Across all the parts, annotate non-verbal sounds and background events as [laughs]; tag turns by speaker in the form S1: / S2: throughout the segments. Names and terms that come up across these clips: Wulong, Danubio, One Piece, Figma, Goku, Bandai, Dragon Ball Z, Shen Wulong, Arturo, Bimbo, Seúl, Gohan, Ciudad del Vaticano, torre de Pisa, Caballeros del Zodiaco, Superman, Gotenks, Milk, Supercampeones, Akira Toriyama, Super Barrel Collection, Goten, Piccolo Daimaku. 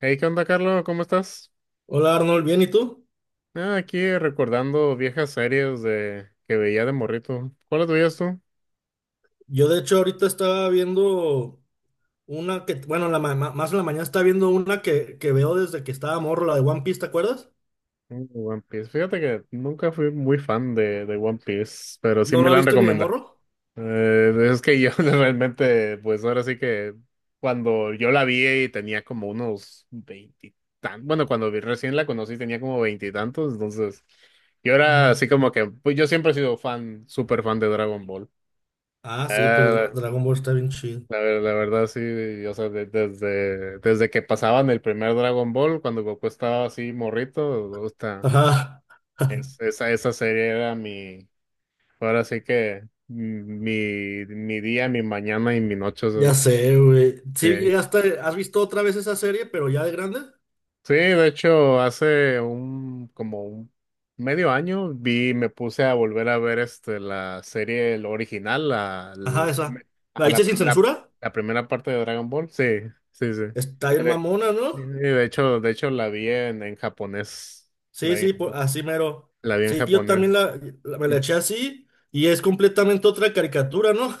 S1: Hey, ¿qué onda, Carlos? ¿Cómo estás?
S2: Hola Arnold, ¿bien y tú?
S1: Ah, aquí recordando viejas series de que veía de morrito. ¿Cuáles veías tú?
S2: Yo de hecho ahorita estaba viendo una que, bueno, la más en la mañana estaba viendo una que veo desde que estaba morro, la de One Piece, ¿te acuerdas?
S1: Mm, One Piece. Fíjate que nunca fui muy fan de One Piece, pero sí
S2: ¿No
S1: me
S2: la has
S1: la han
S2: visto ni de
S1: recomendado.
S2: morro?
S1: [laughs] Es que yo [laughs] realmente, pues ahora sí que cuando yo la vi y tenía como unos veintitantos, bueno, cuando recién la conocí tenía como veintitantos, entonces yo era
S2: Mm.
S1: así como que, pues yo siempre he sido fan, súper fan de Dragon Ball.
S2: Ah, sí, pues
S1: Eh,
S2: Dragon Ball está bien chido.
S1: La verdad, sí, o sea, desde que pasaban el primer Dragon Ball, cuando Goku estaba así morrito, gusta.
S2: Ajá,
S1: Es,
S2: [laughs]
S1: esa, esa serie era ahora sí que mi día, mi mañana y mi noche. O
S2: ya
S1: sea,
S2: sé, güey. Sí,
S1: sí.
S2: llegaste, ¿has visto otra vez esa serie, pero ya de grande?
S1: Sí, de hecho, hace un como un medio año me puse a volver a ver la serie, la original,
S2: Ajá, esa. ¿La
S1: ajá,
S2: viste sin
S1: primera
S2: censura?
S1: primera parte de Dragon Ball. Sí, sí, sí.
S2: Está
S1: Sí,
S2: bien mamona,
S1: Sí, sí,
S2: ¿no?
S1: de hecho, la vi en japonés. La,
S2: Sí,
S1: vi
S2: sí, así mero.
S1: la vi en
S2: Sí, yo
S1: japonés.
S2: también me la eché así y es completamente otra caricatura, ¿no?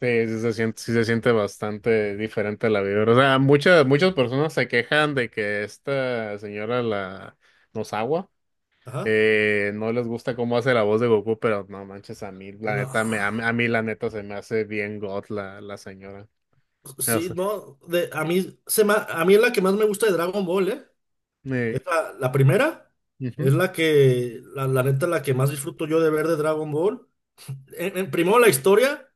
S1: Sí, sí se siente bastante diferente la vida. O sea, muchas personas se quejan de que esta señora la nos agua.
S2: Ajá.
S1: No les gusta cómo hace la voz de Goku, pero no manches, a mí, la
S2: No.
S1: neta, me, a mí, la neta, se me hace bien God la señora. O
S2: Sí,
S1: sea,
S2: no. De, a mí, se ma- a mí es la que más me gusta de Dragon Ball, ¿eh? Es
S1: eh,
S2: la primera.
S1: ujú,
S2: Es la neta, la que más disfruto yo de ver de Dragon Ball. Primero la historia,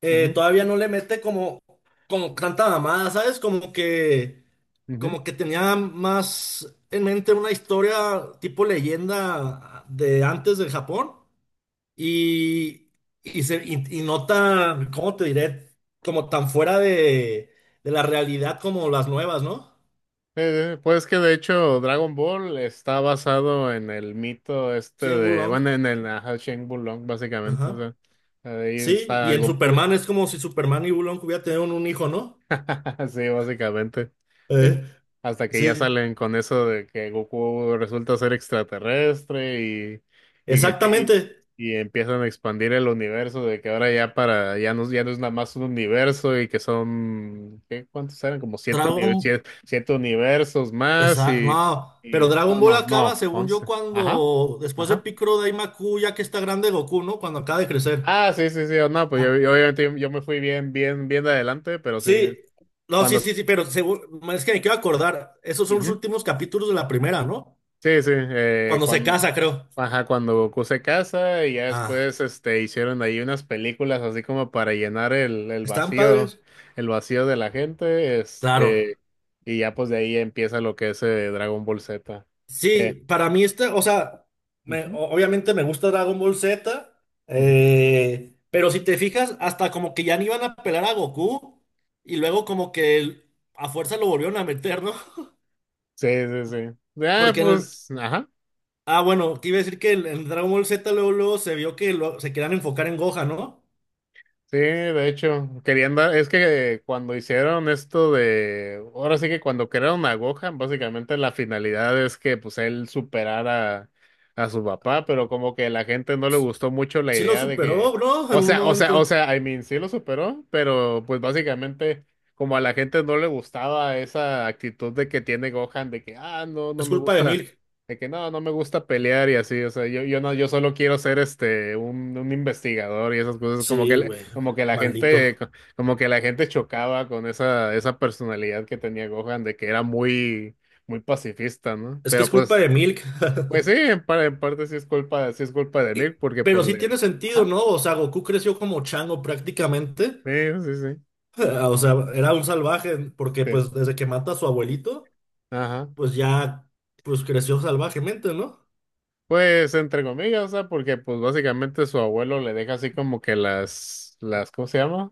S1: ujú,
S2: todavía no le mete como tanta mamada, ¿sabes? Como que,
S1: ujú.
S2: como que tenía más en mente una historia tipo leyenda de antes del Japón. Y, y no tan, ¿cómo te diré? Como tan fuera de la realidad como las nuevas, ¿no?
S1: Pues que de hecho Dragon Ball está basado en el mito este
S2: Sí, en Wulong.
S1: bueno, en el ajá, Shen Wulong, básicamente, o
S2: Ajá.
S1: sea, ahí
S2: Sí, y
S1: está
S2: en
S1: Goku.
S2: Superman es como si Superman y Wulong hubieran tenido un hijo, ¿no?
S1: [laughs] Sí, básicamente. Sí.
S2: Eh,
S1: Hasta que ya
S2: sí,
S1: salen con eso de que Goku resulta ser extraterrestre y, y que empie-
S2: exactamente.
S1: y empiezan a expandir el universo de que ahora ya para, ya no, ya no es nada más un universo y que son, ¿qué? ¿Cuántos eran? Como siete,
S2: Dragon.
S1: siete universos más y,
S2: No, pero Dragon
S1: no,
S2: Ball
S1: no,
S2: acaba,
S1: no,
S2: según yo,
S1: 11. Ajá,
S2: cuando, después de
S1: ajá.
S2: Piccolo Daimaku, ya que está grande Goku, ¿no? Cuando acaba de crecer.
S1: Ah, sí, sí, sí, oh, no, pues yo,
S2: Ah,
S1: yo me fui bien, bien, bien de adelante, pero sí,
S2: sí, no, sí,
S1: cuando...
S2: sí, sí, pero seguro, es que me quiero acordar, esos son los
S1: ujú.
S2: últimos capítulos de la primera, ¿no?
S1: Sí, sí,
S2: Cuando se
S1: cuando
S2: casa, creo.
S1: ajá, cuando Goku se casa y ya
S2: Ah,
S1: después hicieron ahí unas películas así como para llenar el
S2: ¿están
S1: vacío,
S2: padres?
S1: de la gente,
S2: Claro.
S1: y ya pues de ahí empieza lo que es Dragon Ball Z. que-
S2: Sí, para mí este, o sea,
S1: Ujú,
S2: obviamente me gusta Dragon Ball Z,
S1: ujú.
S2: pero si te fijas, hasta como que ya ni iban a pelar a Goku y luego como que a fuerza lo volvieron a meter, ¿no? [laughs]
S1: Sí, sí, sí. Ah,
S2: Porque en el...
S1: pues, ajá.
S2: Ah, bueno, te iba a decir que en Dragon Ball Z luego se vio que se querían enfocar en Gohan, ¿no?
S1: Sí, de hecho, es que cuando hicieron esto de, ahora sí que cuando crearon a Gohan, básicamente la finalidad es que pues él superara a su papá, pero como que la gente no le gustó mucho la
S2: Sí lo
S1: idea de
S2: superó,
S1: que,
S2: bro, en un
S1: o
S2: momento.
S1: sea, I mean, sí lo superó, pero pues básicamente como a la gente no le gustaba esa actitud de que tiene Gohan, de que, ah, no, no
S2: Es
S1: me
S2: culpa de
S1: gusta.
S2: Milk.
S1: De que no, no me gusta pelear y así, o sea, yo no, yo solo quiero ser un investigador y esas cosas, como que
S2: Sí,
S1: le-
S2: güey,
S1: como que la gente,
S2: maldito.
S1: co- como que la gente chocaba con esa, esa personalidad que tenía Gohan, de que era muy, muy pacifista, ¿no?
S2: Es que
S1: Pero
S2: es culpa de Milk. [laughs]
S1: pues sí, en parte sí es culpa de Milk, porque pues
S2: Pero sí
S1: le...
S2: tiene sentido,
S1: Ajá.
S2: ¿no? O sea, Goku creció como chango prácticamente.
S1: Sí, sí, sí,
S2: [laughs] O sea, era un salvaje porque
S1: sí,
S2: pues desde que mata a su abuelito,
S1: ajá.
S2: pues ya, pues creció salvajemente, ¿no?
S1: Pues entre comillas, o sea, porque pues básicamente su abuelo le deja así como que las, ¿cómo se llama?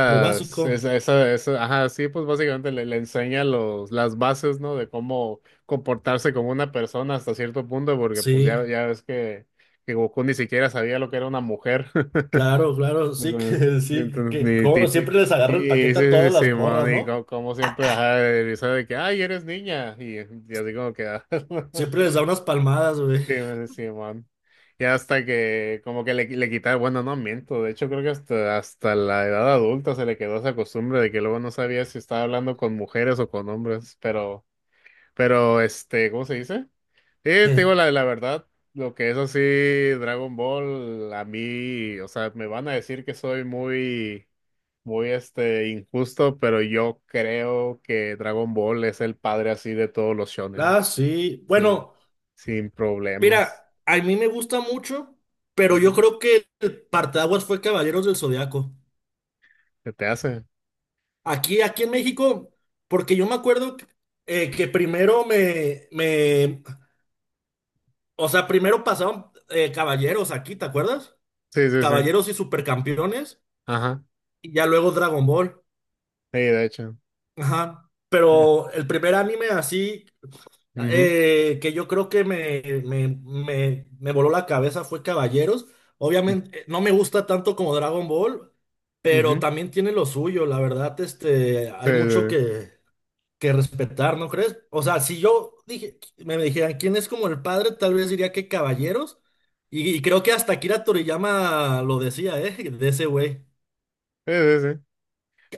S2: Lo básico.
S1: Esa, ajá, sí, pues básicamente le enseña las bases, ¿no? De cómo comportarse como una persona hasta cierto punto, porque pues
S2: Sí,
S1: ya ves que Goku ni siquiera sabía lo que era una mujer. [laughs]
S2: claro, claro, sí
S1: Entonces,
S2: que [laughs] sí,
S1: entonces,
S2: que
S1: ni, ti-
S2: como
S1: ti-
S2: siempre les agarra el
S1: y, Sí,
S2: paquete a
S1: sí,
S2: todas
S1: sí,
S2: las
S1: mon,
S2: morras, ¿no?
S1: como, siempre, ajá, de risa de que, ay, eres niña, y, así como que, ah.
S2: Siempre
S1: [laughs]
S2: les da unas palmadas, güey.
S1: Sí, man, sí, man. Y hasta que como que le quitaron, bueno, no miento, de hecho creo que hasta la edad adulta se le quedó esa costumbre de que luego no sabía si estaba hablando con mujeres o con hombres, pero, ¿cómo se dice? Sí,
S2: [laughs]
S1: te
S2: Eh,
S1: digo la verdad, lo que es así, Dragon Ball, a mí, o sea, me van a decir que soy muy, muy injusto, pero yo creo que Dragon Ball es el padre así de todos los shonen,
S2: Ah, sí.
S1: sí,
S2: Bueno.
S1: sin problemas.
S2: Mira, a mí me gusta mucho, pero yo
S1: Ujú.
S2: creo que el parteaguas fue Caballeros del Zodiaco.
S1: ¿Qué te hace?
S2: Aquí en México, porque yo me acuerdo, que primero o sea, primero pasaron, Caballeros aquí, ¿te acuerdas?
S1: Sí, sí, sí.
S2: Caballeros y Supercampeones,
S1: Ajá.
S2: y ya luego Dragon Ball.
S1: Sí, de hecho.
S2: Ajá.
S1: Ya.
S2: Pero el primer anime así.
S1: Ujú.
S2: Que yo creo que me voló la cabeza fue Caballeros. Obviamente, no me gusta tanto como Dragon Ball, pero
S1: Ujú.
S2: también tiene lo suyo. La verdad, este,
S1: Sí, sí,
S2: hay mucho
S1: sí.
S2: que respetar, ¿no crees? O sea, si yo me dijeran quién es como el padre, tal vez diría que Caballeros. Y creo que hasta Akira Toriyama lo decía, ¿eh? De ese güey.
S1: Sí, sí, sí.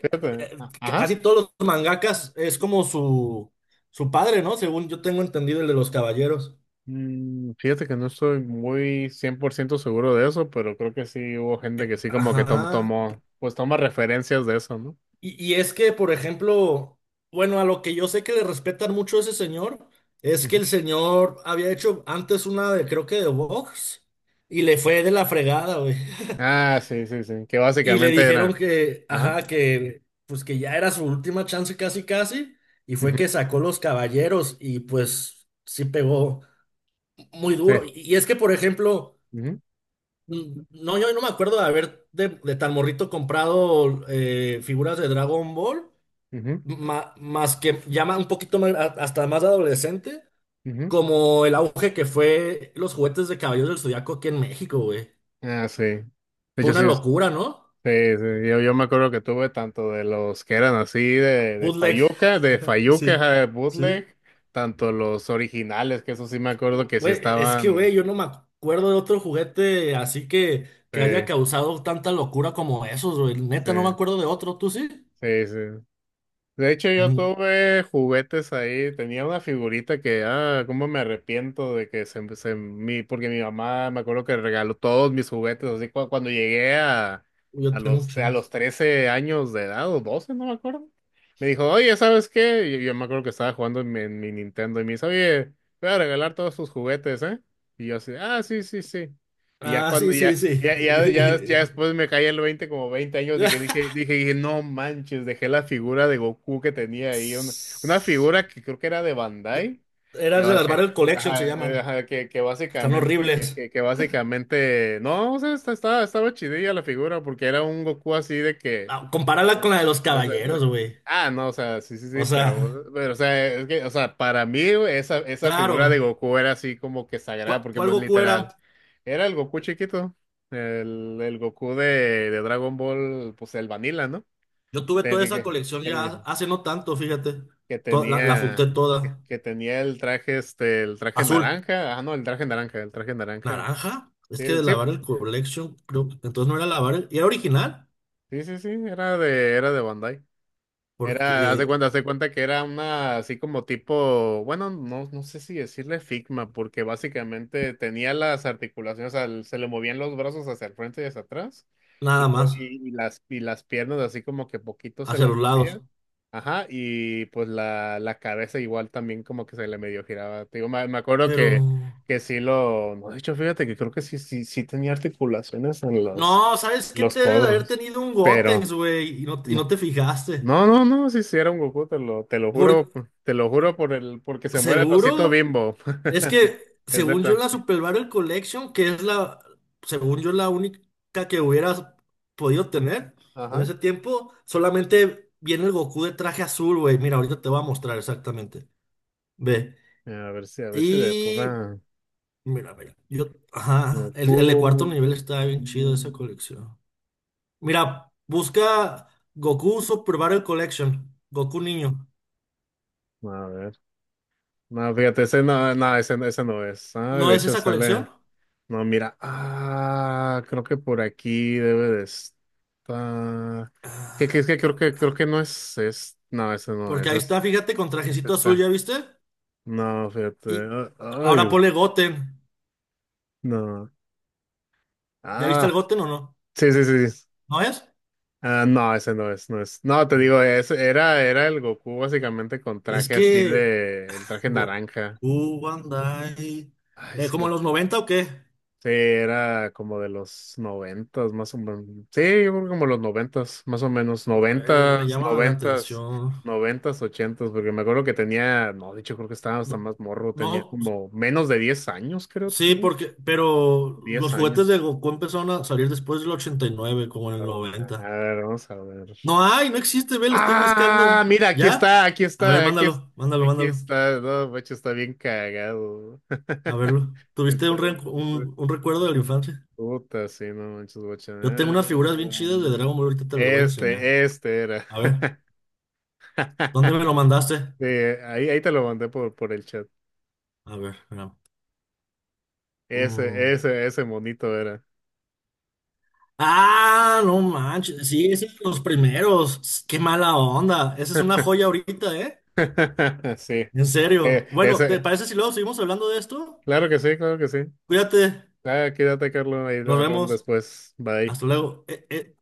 S1: Fíjate.
S2: Eh,
S1: Ajá.
S2: Casi todos los mangakas es como su padre, ¿no? Según yo tengo entendido el de los Caballeros.
S1: Fíjate que no estoy muy 100% seguro de eso, pero creo que sí hubo gente que sí como que
S2: Ajá.
S1: tomó, pues toma referencias de eso, ¿no?
S2: Y es que, por ejemplo, bueno, a lo que yo sé que le respetan mucho a ese señor, es que
S1: Ujú.
S2: el señor había hecho antes una de, creo que de box, y le fue de la fregada, güey. [laughs]
S1: Ah, sí, sí, sí. Que
S2: Y le
S1: básicamente
S2: dijeron
S1: era.
S2: que, ajá,
S1: Ajá.
S2: que pues que ya era su última chance casi casi, y
S1: Ujú.
S2: fue que sacó los caballeros, y pues sí pegó muy
S1: Sí.
S2: duro. Y es que, por ejemplo,
S1: Ujú.
S2: no, yo no me acuerdo de haber de tan morrito comprado, figuras de Dragon Ball.
S1: Ujú.
S2: Más que llama un poquito más, hasta más adolescente,
S1: Ujú.
S2: como el auge que fue los juguetes de Caballeros del Zodiaco aquí en México, güey.
S1: Ah, sí. De
S2: Fue
S1: hecho,
S2: una
S1: sí,
S2: locura, ¿no?
S1: sí, sí, yo me acuerdo que tuve tanto de los que eran así de
S2: Bootleg.
S1: fayuca,
S2: Sí,
S1: ajá, de
S2: sí.
S1: bootleg, tanto los originales, que eso sí me acuerdo que sí
S2: Güey, es que,
S1: estaban,
S2: güey, yo no me acuerdo de otro juguete así que haya
S1: sí,
S2: causado tanta locura como esos, güey.
S1: sí,
S2: Neta, no me acuerdo de otro, ¿tú sí?
S1: sí, sí. De hecho, yo
S2: Mm,
S1: tuve juguetes ahí, tenía una figurita que, ah, cómo me arrepiento de que porque mi mamá me acuerdo que regaló todos mis juguetes, así cuando llegué a,
S2: yo tengo un
S1: a
S2: chingo.
S1: los 13 años de edad, o 12 no me acuerdo, me dijo, oye, ¿sabes qué? Y yo, me acuerdo que estaba jugando en mi, Nintendo y me dice, oye, voy a regalar todos tus juguetes, ¿eh? Y yo así, ah, sí, sí, sí. Y ya
S2: Ah, sí,
S1: cuando,
S2: sí,
S1: ya,
S2: sí.
S1: ya, ya, ya, ya
S2: [laughs]
S1: después me caí el 20 como 20 años de que dije, no manches, dejé la figura de Goku que tenía ahí, una figura que creo que era de Bandai, que,
S2: Eran de las Barrel Collection, se
S1: ajá,
S2: llaman.
S1: ajá,
S2: Están horribles.
S1: que básicamente, no, o sea, estaba chidilla la figura, porque era un Goku así de que,
S2: Ah,
S1: o
S2: compararla con la de los
S1: sea, o sea,
S2: caballeros, güey.
S1: ah, no, o sea, sí, sí, sí,
S2: O
S1: pero,
S2: sea,
S1: o sea, es que, o sea, para mí güey, esa figura de
S2: claro.
S1: Goku era así como que sagrada, porque
S2: Cuál
S1: pues
S2: Goku era?
S1: literal, era el Goku chiquito, el Goku de Dragon Ball, pues el Vanilla, ¿no?
S2: Yo tuve
S1: Te-
S2: toda
S1: de
S2: esa
S1: Que,
S2: colección ya
S1: el-
S2: hace no tanto, fíjate.
S1: que
S2: La junté
S1: tenía, que,
S2: toda.
S1: que tenía el traje, el traje
S2: Azul.
S1: naranja, ah, no, el traje naranja,
S2: Naranja. Es
S1: sí,
S2: que de
S1: sí,
S2: lavar el
S1: pues,
S2: collection, creo que entonces no era lavar el. Y era original.
S1: sí, sí, sí, era era de Bandai.
S2: Porque,
S1: Era, haz de cuenta que era una así como tipo, bueno, no, no sé si decirle Figma, porque básicamente tenía las articulaciones, o sea, se le movían los brazos hacia el frente y hacia atrás, y,
S2: nada
S1: pues,
S2: más.
S1: y, y las piernas así como que poquito se
S2: Hacia
S1: le
S2: los
S1: movían,
S2: lados.
S1: ajá, y pues la cabeza igual también como que se le medio giraba. Te digo, me acuerdo
S2: Pero.
S1: que sí lo, no, de hecho, fíjate que creo que sí, sí tenía articulaciones en
S2: No, ¿sabes qué?
S1: los
S2: Te debe de haber
S1: codos,
S2: tenido un
S1: pero
S2: Gotenks, güey. Y no
S1: no.
S2: te fijaste.
S1: No, no, no, sí, sí era un Goku,
S2: Por
S1: te lo juro por el, porque se muere el osito
S2: seguro.
S1: Bimbo.
S2: Es
S1: [laughs] Sí,
S2: que,
S1: es
S2: según yo,
S1: neta.
S2: la Super Barrel Collection, que es la, según yo, la única que hubieras podido tener en
S1: Ajá.
S2: ese tiempo, solamente viene el Goku de traje azul, güey. Mira, ahorita te voy a mostrar exactamente. Ve.
S1: A ver si de
S2: Y,
S1: pura
S2: mira, mira, yo, ajá, el de cuarto
S1: Goku.
S2: nivel está bien chido esa
S1: mm,
S2: colección. Mira, busca Goku Super Barrel Collection, Goku niño.
S1: A ver. No, fíjate, ese, ese no es. Ay,
S2: ¿No
S1: de
S2: es
S1: hecho
S2: esa
S1: sale.
S2: colección?
S1: No, mira. Ah, creo que por aquí debe de estar. Es que
S2: Ve,
S1: creo que no es, es. No, ese no
S2: porque
S1: es.
S2: ahí está, fíjate, con
S1: Este
S2: trajecito azul,
S1: está.
S2: ¿ya viste?
S1: No, fíjate.
S2: Y ahora
S1: Ay,
S2: ponle Goten.
S1: no.
S2: ¿Ya viste el
S1: Ah,
S2: Goten o no?
S1: sí, sí, sí, sí.
S2: ¿No es?
S1: Ah, no, ese no es, no es. No, te
S2: Mm.
S1: digo, ese era el Goku básicamente con
S2: Es
S1: traje así
S2: que
S1: de, el traje
S2: Goku,
S1: naranja.
S2: One Day.
S1: Ay, es
S2: ¿Como
S1: que
S2: en los 90 o qué?
S1: sí, era como de los noventas, más o menos. Sí, yo creo como los noventas, más o menos.
S2: A ver, me
S1: Noventas,
S2: llama la
S1: noventas,
S2: atención.
S1: noventas, ochentas, porque me acuerdo que tenía, no, de hecho creo que estaba hasta
S2: No,
S1: más morro, tenía
S2: no,
S1: como menos de 10 años, creo,
S2: sí,
S1: tenía
S2: porque, pero
S1: diez
S2: los juguetes
S1: años.
S2: de Goku empezaron a salir después del 89 como en el
S1: A ver, a
S2: 90.
S1: ver, vamos a ver.
S2: No hay, no existe, ve, lo estoy
S1: Ah,
S2: buscando.
S1: mira, aquí está,
S2: ¿Ya?
S1: aquí
S2: A ver,
S1: está,
S2: mándalo, mándalo,
S1: aquí
S2: mándalo.
S1: está. No, macho, está bien cagado.
S2: A
S1: [laughs]
S2: verlo. ¿Tuviste
S1: Está-
S2: un, un recuerdo de la infancia?
S1: Puta, sí, no manches, guacha.
S2: Yo tengo
S1: Ah,
S2: unas figuras bien chidas de Dragon Ball, ahorita te las voy a enseñar.
S1: Este era.
S2: A ver, ¿dónde
S1: [laughs]
S2: me lo mandaste?
S1: Sí, ahí, te lo mandé por, el chat.
S2: A ver, espera. Mm.
S1: Ese monito era.
S2: Ah, no manches, sí, ese es de los primeros. Qué mala onda. Esa es una joya
S1: [laughs]
S2: ahorita, ¿eh?
S1: Sí,
S2: En serio. Bueno, ¿te
S1: ese.
S2: parece si luego seguimos hablando de esto?
S1: Claro que sí, claro que sí.
S2: Cuídate,
S1: Ah, quédate, Carlos, ahí
S2: nos
S1: hablamos
S2: vemos.
S1: después. Bye.
S2: Hasta luego.